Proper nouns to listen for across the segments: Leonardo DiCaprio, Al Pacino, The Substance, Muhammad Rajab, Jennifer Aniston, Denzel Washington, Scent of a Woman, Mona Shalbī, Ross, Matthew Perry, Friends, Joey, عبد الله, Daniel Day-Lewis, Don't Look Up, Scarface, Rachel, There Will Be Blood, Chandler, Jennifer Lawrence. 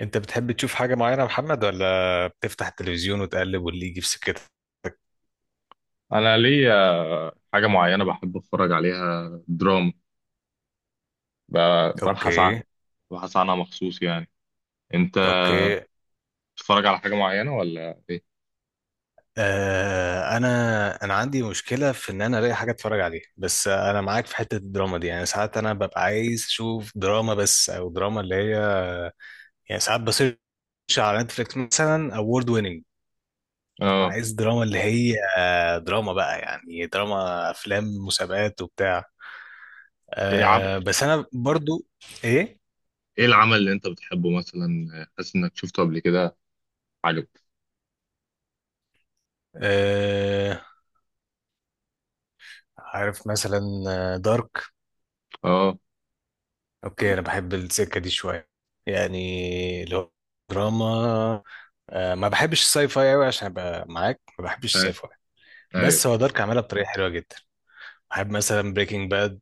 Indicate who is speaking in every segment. Speaker 1: انت بتحب تشوف حاجة معينة يا محمد، ولا بتفتح التلفزيون وتقلب واللي يجي في سكتك؟
Speaker 2: انا ليا حاجه معينه بحب اتفرج عليها دراما. ببحث عنها.
Speaker 1: اوكي.
Speaker 2: ببحث عنها مخصوص يعني. انت
Speaker 1: اوكي.
Speaker 2: بتتفرج على حاجه معينه ولا ايه؟
Speaker 1: آه، انا عندي مشكلة في ان انا الاقي حاجة اتفرج عليها، بس انا معاك في حتة الدراما دي. يعني ساعات انا ببقى عايز اشوف دراما بس، او دراما اللي هي، يعني ساعات بسيرش على نتفليكس مثلا اوورد ويننج. انا
Speaker 2: اه،
Speaker 1: عايز دراما، اللي هي دراما بقى، يعني دراما، افلام، مسابقات وبتاع.
Speaker 2: ايه
Speaker 1: بس انا برضو. ايه.
Speaker 2: ايه العمل اللي انت بتحبه مثلا؟ حاسس انك شفته قبل كده؟ عجبك؟
Speaker 1: آه، عارف مثلا دارك.
Speaker 2: اه.
Speaker 1: اوكي انا بحب السكه دي شويه، يعني لو دراما. ما بحبش الساي فاي قوي، عشان ابقى معاك ما بحبش الساي
Speaker 2: أي-
Speaker 1: فاي،
Speaker 2: ايوه.
Speaker 1: بس هو دارك عملها بطريقه حلوه جدا. بحب مثلا بريكنج باد.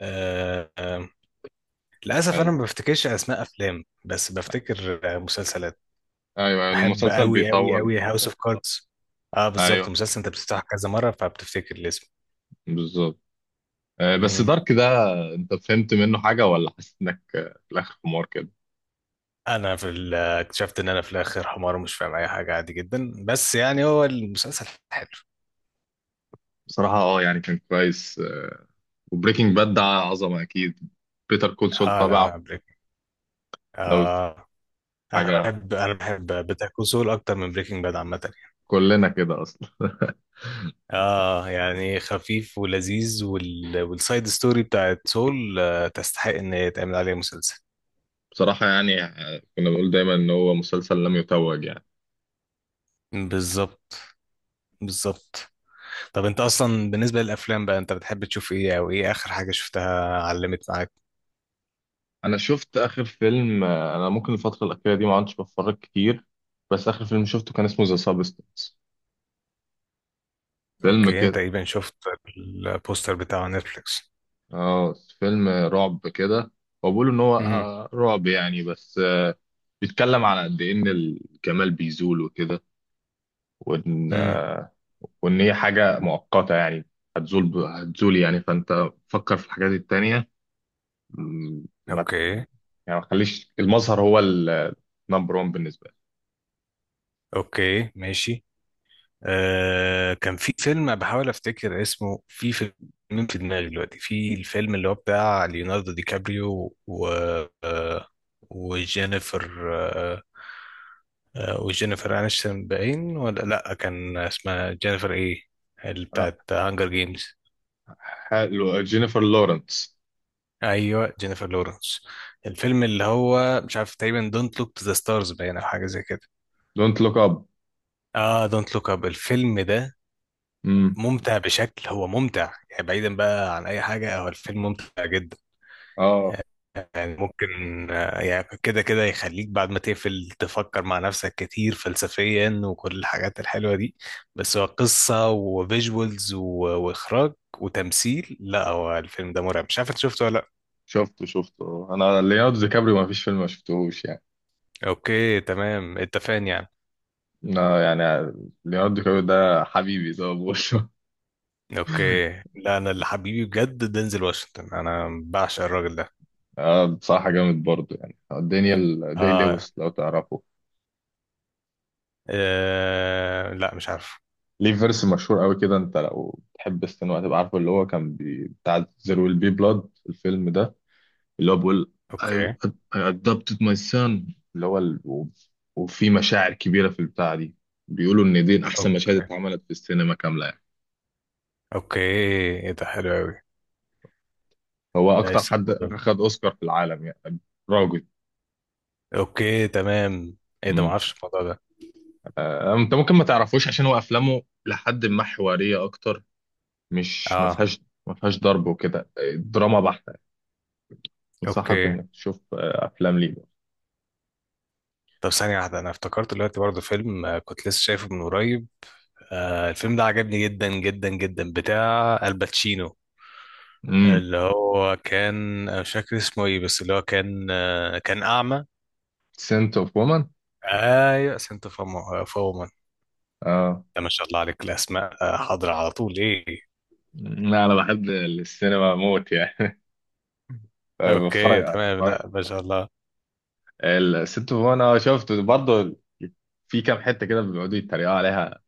Speaker 1: آه، آه، للاسف انا
Speaker 2: حلو.
Speaker 1: ما بفتكرش اسماء افلام، بس بفتكر مسلسلات.
Speaker 2: ايوه،
Speaker 1: بحب
Speaker 2: المسلسل
Speaker 1: قوي قوي
Speaker 2: بيطول.
Speaker 1: قوي هاوس اوف كاردز. اه بالظبط،
Speaker 2: ايوه
Speaker 1: مسلسل انت بتفتحه كذا مره فبتفتكر الاسم.
Speaker 2: بالظبط. آه، بس
Speaker 1: مم.
Speaker 2: دارك ده انت فهمت منه حاجه، ولا حاسس انك في الاخر حمار كده؟
Speaker 1: اكتشفت ان انا في الاخر حمار ومش فاهم اي حاجه، عادي جدا، بس يعني هو المسلسل حلو.
Speaker 2: بصراحه اه يعني كان كويس. وبريكنج باد ده عظمه اكيد. بيتر كول سول
Speaker 1: اه
Speaker 2: طبعا.
Speaker 1: لا، بريكنج.
Speaker 2: لو
Speaker 1: اه. انا
Speaker 2: حاجة.
Speaker 1: بحب انا بحب بيتر كول سول اكتر من بريكنج باد عامه يعني.
Speaker 2: كلنا كده أصلا.
Speaker 1: اه يعني خفيف ولذيذ، والسايد ستوري بتاعت سول تستحق ان هي يتعمل عليها مسلسل.
Speaker 2: بصراحة يعني كنا بنقول دايما إن هو مسلسل لم يتوج يعني.
Speaker 1: بالظبط. بالظبط. طب انت اصلا بالنسبه للافلام بقى، انت بتحب تشوف ايه؟ او ايه اخر حاجه شفتها علمت معاك؟
Speaker 2: أنا شفت آخر فيلم، أنا ممكن الفترة الأخيرة دي ما عدتش بتفرج كتير. بس آخر فيلم شفته كان اسمه ذا سابستنس، فيلم
Speaker 1: اوكي، انت
Speaker 2: كده.
Speaker 1: تقريبا شفت البوستر بتاع نتفليكس.
Speaker 2: اه، فيلم رعب كده. هو بيقولوا إن هو رعب يعني، بس بيتكلم على قد إيه إن الجمال بيزول وكده، وإن
Speaker 1: امم.
Speaker 2: وإن هي حاجة مؤقتة يعني، هتزول هتزول يعني، فأنت فكر في الحاجات التانية. ما
Speaker 1: اوكي
Speaker 2: يعني ما تخليش المظهر هو النمبر 1 بالنسبه لي.
Speaker 1: اوكي ماشي. كان في فيلم بحاول افتكر اسمه، في فيلم في دماغي دلوقتي، في الفيلم اللي هو بتاع ليوناردو دي كابريو و آه، وجينيفر آه، آه، وجينيفر انشتون، باين ولا لا كان اسمها جينيفر ايه اللي
Speaker 2: آه،
Speaker 1: بتاعت هانجر جيمز؟
Speaker 2: حلو، جينيفر لورنس.
Speaker 1: ايوه جينيفر لورنس. الفيلم اللي هو مش عارف، تقريبا دونت لوك تو ذا ستارز باين او حاجه زي كده.
Speaker 2: دونت لوك اب.
Speaker 1: اه، دونت لوك اب الفيلم ده.
Speaker 2: امم.
Speaker 1: ممتع بشكل، هو ممتع يعني، بعيدا بقى عن اي حاجه، هو الفيلم ممتع جدا.
Speaker 2: اه
Speaker 1: يعني ممكن يعني كده كده يخليك بعد ما تقفل تفكر مع نفسك كتير فلسفيا وكل الحاجات الحلوه دي، بس هو قصه وفيجوالز واخراج وتمثيل. لا هو الفيلم ده مرعب، مش عارف انت شفته ولا لا.
Speaker 2: شفته شفته. انا ليوناردو دي كابريو ما فيش فيلم ما شفتهوش يعني.
Speaker 1: اوكي تمام، اتفقنا يعني.
Speaker 2: انا يعني ليوناردو دي كابريو ده حبيبي زي ما بقول.
Speaker 1: اوكي. لا، انا اللي حبيبي بجد دينزل واشنطن، انا بعشق الراجل ده.
Speaker 2: اه بصراحه جامد برضه يعني. دانيال داي
Speaker 1: اه.
Speaker 2: لويس لو تعرفه.
Speaker 1: لا مش عارف.
Speaker 2: ليه فيرس مشهور قوي كده. انت لو تحب السينما هتبقى عارفه، اللي هو كان بتاع زير ويل بي بلاد الفيلم ده، اللي هو بيقول I,
Speaker 1: اوكي
Speaker 2: I adopted my son، اللي هو وفي مشاعر كبيرة في البتاعة دي. بيقولوا إن دي أحسن مشاهد
Speaker 1: اوكي.
Speaker 2: اتعملت في السينما كاملة يعني.
Speaker 1: اوكي ايه ده، حلو قوي.
Speaker 2: هو أكتر
Speaker 1: نايس،
Speaker 2: حد
Speaker 1: الموضوع ده.
Speaker 2: أخد أوسكار في العالم يعني. راجل.
Speaker 1: اوكي تمام. ايه ده،
Speaker 2: مم.
Speaker 1: معرفش الموضوع ده.
Speaker 2: أنت ممكن ما تعرفوش عشان هو أفلامه لحد ما حوارية أكتر، مش ما
Speaker 1: اه.
Speaker 2: فيهاش، ما فيهاش ضرب وكده، دراما بحتة. أنصحك
Speaker 1: اوكي.
Speaker 2: إنك تشوف أفلام ليه.
Speaker 1: طب ثانية واحدة، أنا افتكرت دلوقتي برضه فيلم كنت لسه شايفه من قريب. الفيلم ده عجبني جدا جدا جدا، بتاع الباتشينو،
Speaker 2: امم.
Speaker 1: اللي هو كان، أنا مش فاكر اسمه إيه، بس اللي هو كان أعمى.
Speaker 2: سنت اوف وومن.
Speaker 1: أيوة، سنت فوما فوما.
Speaker 2: اه
Speaker 1: ده ما شاء الله عليك الأسماء حاضرة على طول إيه.
Speaker 2: لا انا بحب السينما موت يعني.
Speaker 1: أوكي
Speaker 2: بتفرج.
Speaker 1: تمام، لا ما شاء الله.
Speaker 2: الست فوفانا شفته برضه، في كام حته كده بيقعدوا يتريقوا عليها،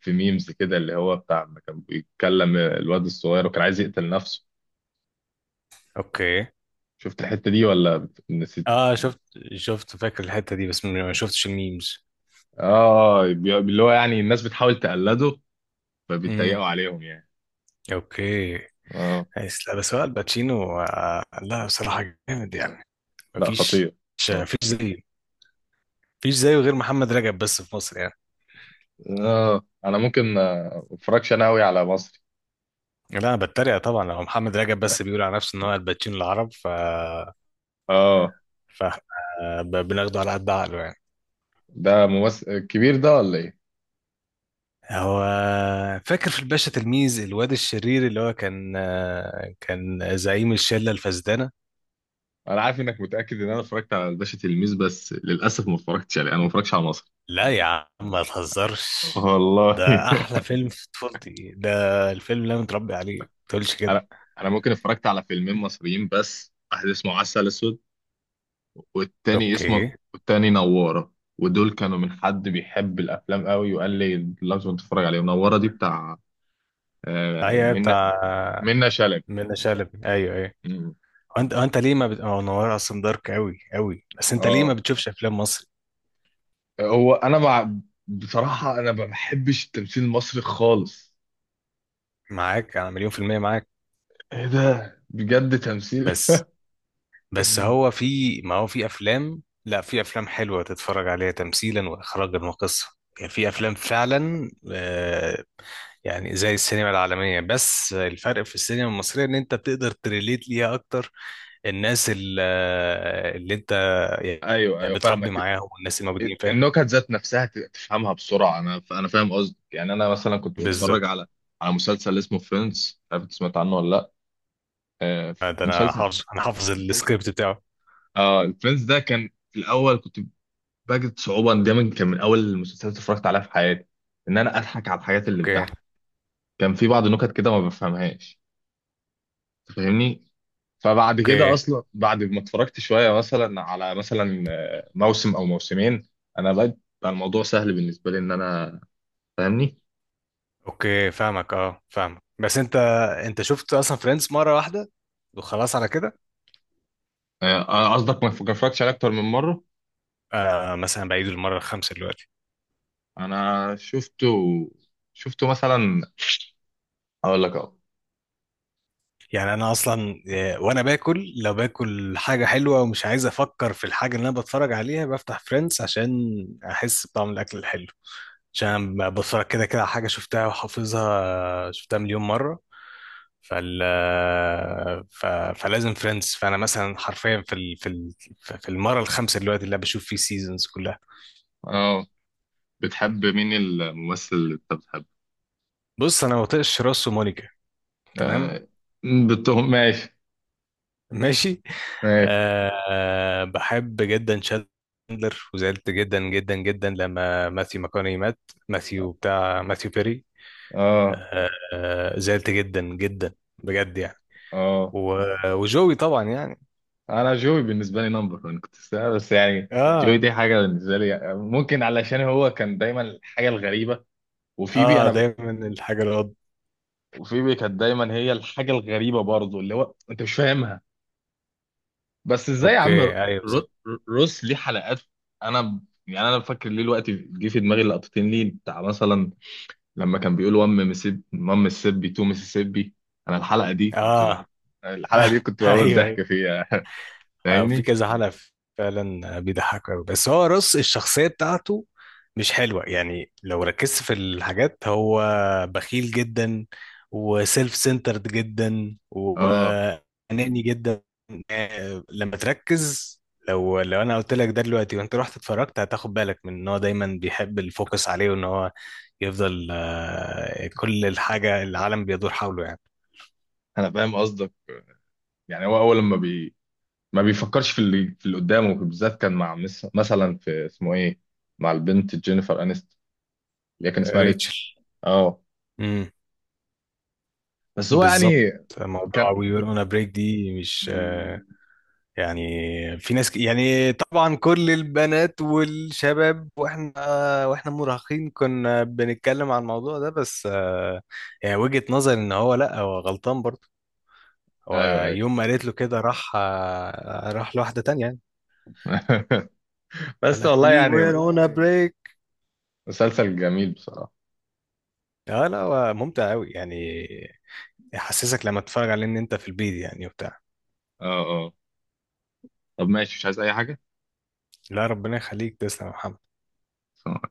Speaker 2: في ميمز كده اللي هو بتاع ما كان بيتكلم الواد الصغير وكان عايز يقتل نفسه.
Speaker 1: أوكي.
Speaker 2: شفت الحته دي ولا نسيت؟
Speaker 1: اه شفت، فاكر الحتة دي، بس ما شفتش الميمز.
Speaker 2: اه اللي هو يعني الناس بتحاول تقلده،
Speaker 1: امم.
Speaker 2: فبيتريقوا عليهم يعني.
Speaker 1: اوكي.
Speaker 2: اه.
Speaker 1: بس لا، بس هو الباتشينو، لا بصراحة جامد يعني.
Speaker 2: لا
Speaker 1: مفيش.
Speaker 2: خطير. اه.
Speaker 1: مفيش زيه. مفيش زيه غير محمد رجب، بس في مصر يعني.
Speaker 2: آه، انا ممكن ما اتفرجش انا قوي على مصري.
Speaker 1: لا انا بتريق طبعا، لو محمد رجب بس بيقول على نفسه ان هو الباتشينو العرب.
Speaker 2: اه.
Speaker 1: ف بناخده على قد عقله يعني.
Speaker 2: ده ممثل كبير ده ولا ايه؟
Speaker 1: هو فاكر في الباشا تلميذ، الواد الشرير اللي هو كان زعيم الشلة الفاسدانة.
Speaker 2: انا عارف انك متاكد ان انا اتفرجت على الباشا تلميذ، بس للاسف ما اتفرجتش عليه، انا ما اتفرجش على مصري.
Speaker 1: لا يا عم ما تهزرش،
Speaker 2: والله.
Speaker 1: ده احلى فيلم في طفولتي ده، الفيلم اللي انا متربي عليه، ما تقولش كده.
Speaker 2: انا انا ممكن اتفرجت على فيلمين مصريين بس، واحد اسمه عسل اسود، والتاني اسمه،
Speaker 1: اوكي
Speaker 2: والتاني نوارة. ودول كانوا من حد بيحب الافلام قوي وقال لي لازم تتفرج عليهم. نوارة دي بتاع آه،
Speaker 1: ايوه،
Speaker 2: منة
Speaker 1: بتاع
Speaker 2: منة شلبي.
Speaker 1: منة شلبي، ايوه ايوه.
Speaker 2: مم.
Speaker 1: وانت ليه ما بت... أو نوار اصلا دارك قوي قوي، بس انت ليه ما
Speaker 2: اه.
Speaker 1: بتشوفش افلام مصري؟
Speaker 2: هو انا مع بصراحة انا ما بحبش التمثيل المصري خالص.
Speaker 1: معاك، انا مليون في المية معاك.
Speaker 2: ايه ده بجد تمثيل.
Speaker 1: بس بس هو في، ما هو في افلام، لا في افلام حلوه تتفرج عليها تمثيلا واخراجا وقصه. يعني في افلام فعلا، يعني زي السينما العالميه، بس الفرق في السينما المصريه ان انت بتقدر تريليت ليها اكتر. الناس ال- آه، اللي انت
Speaker 2: ايوه
Speaker 1: يعني
Speaker 2: ايوه
Speaker 1: بتربي
Speaker 2: فاهمك.
Speaker 1: معاهم، والناس الموجودين، فاهم.
Speaker 2: النكت ذات نفسها تفهمها بسرعه. انا فاهم قصدك يعني. انا مثلا كنت بتفرج
Speaker 1: بالظبط.
Speaker 2: على مسلسل اسمه فريندز، عارف انت سمعت عنه ولا لا؟ آه.
Speaker 1: ده انا
Speaker 2: مسلسل.
Speaker 1: حافظ انا حافظ السكريبت بتاعه.
Speaker 2: اه الفريندز ده كان في الاول كنت بجد صعوبه، إن ده من كان من اول المسلسلات اللي اتفرجت عليها في حياتي، ان انا اضحك على الحاجات اللي
Speaker 1: اوكي.
Speaker 2: بتضحك. كان في بعض النكت كده ما بفهمهاش، فاهمني. فبعد كده
Speaker 1: اوكي.
Speaker 2: اصلا بعد ما اتفرجت شويه مثلا على مثلا موسم او موسمين، انا بقى بقى الموضوع سهل بالنسبه لي ان انا، فاهمني.
Speaker 1: اوكي فاهمك، بس انت، انت شفت اصلا فريندز مره واحده وخلاص على كده؟
Speaker 2: آه، قصدك ما اتفرجتش عليه اكتر من مره.
Speaker 1: آه، مثلا بعيد المره الخامسه دلوقتي.
Speaker 2: انا شفته، شفته مثلا، اقول لك اه.
Speaker 1: يعني انا اصلا وانا باكل، لو باكل حاجه حلوه ومش عايز افكر في الحاجه اللي انا بتفرج عليها، بفتح فريندز عشان احس بطعم الاكل الحلو، عشان أنا بتفرج كده كده على حاجه شفتها وحافظها، شفتها مليون مره. فال ف... فلازم فريندز. فانا مثلا حرفيا في المره الخامسه دلوقتي اللي أنا بشوف فيه سيزونز كلها.
Speaker 2: اه. بتحب مين، الممثل اللي انت بتحبه؟
Speaker 1: بص، انا ما بطيقش روس ومونيكا، تمام.
Speaker 2: آه، بتهم ماشي.
Speaker 1: ماشي.
Speaker 2: ماشي.
Speaker 1: أه بحب جدا شاندلر، وزعلت جدا جدا جدا لما ماثيو ماكوني مات. ماثيو، بتاع ماثيو بيري.
Speaker 2: اه.
Speaker 1: أه. زعلت جدا جدا بجد يعني.
Speaker 2: اه
Speaker 1: و- وجوي طبعا يعني.
Speaker 2: انا جوي بالنسبه لي نمبر، انا بس يعني جوي
Speaker 1: اه،
Speaker 2: دي حاجه بالنسبه لي يعني، ممكن علشان هو كان دايما الحاجه الغريبه. وفيبي
Speaker 1: اه
Speaker 2: انا ب-
Speaker 1: دايما الحاجة القط.
Speaker 2: وفيبي كانت دايما هي الحاجه الغريبه برضه، اللي هو انت مش فاهمها. بس ازاي يا عم
Speaker 1: اوكي ايوه
Speaker 2: ر-
Speaker 1: بالظبط.
Speaker 2: روس ليه حلقات. انا يعني انا فاكر ليه الوقت جه في دماغي لقطتين ليه، بتاع مثلا لما كان بيقول وام مسيب مام مسيبي تو مسيسيبي. انا الحلقه دي كنت-
Speaker 1: اه
Speaker 2: الحلقه دي كنت بموت ضحك
Speaker 1: ايوه.
Speaker 2: فيها.
Speaker 1: في
Speaker 2: فاهمني.
Speaker 1: كذا حلقة فعلا بيضحكوا قوي، بس هو رص الشخصية بتاعته مش حلوة، يعني لو ركزت في الحاجات هو بخيل جدا وسيلف سنترد جدا
Speaker 2: اه
Speaker 1: وأناني جدا. لما تركز، لو انا قلت لك ده دلوقتي وانت رحت اتفرجت، هتاخد بالك من ان هو دايما بيحب الفوكس عليه، وان هو يفضل كل الحاجة العالم بيدور حوله يعني.
Speaker 2: انا فاهم قصدك. يعني هو اول لما بي ما بيفكرش في اللي في اللي قدامه، بالذات كان مع مثلا في اسمه ايه، مع البنت جينيفر انست، اللي هي كان
Speaker 1: آه،
Speaker 2: اسمها ريتش.
Speaker 1: ريتشل.
Speaker 2: اه. بس هو يعني
Speaker 1: بالظبط، موضوع
Speaker 2: كان.
Speaker 1: وي وير اون بريك دي مش يعني، يعني طبعا كل البنات والشباب، واحنا مراهقين كنا بنتكلم عن الموضوع ده، بس يعني وجهة نظري ان هو لا، هو غلطان برضه، هو
Speaker 2: ايوه ايوه.
Speaker 1: يوم ما قالت له كده راح لواحدة تانية يعني، قال
Speaker 2: بس
Speaker 1: لك
Speaker 2: والله
Speaker 1: وي
Speaker 2: يعني
Speaker 1: وير اون بريك.
Speaker 2: مسلسل جميل بصراحة.
Speaker 1: اه لا هو ممتع قوي يعني، يحسسك لما تتفرج عليه ان انت في البيت يعني وبتاع.
Speaker 2: اه. اه طب ماشي مش عايز اي حاجه.
Speaker 1: لا، ربنا يخليك، تسلم يا محمد.
Speaker 2: ف-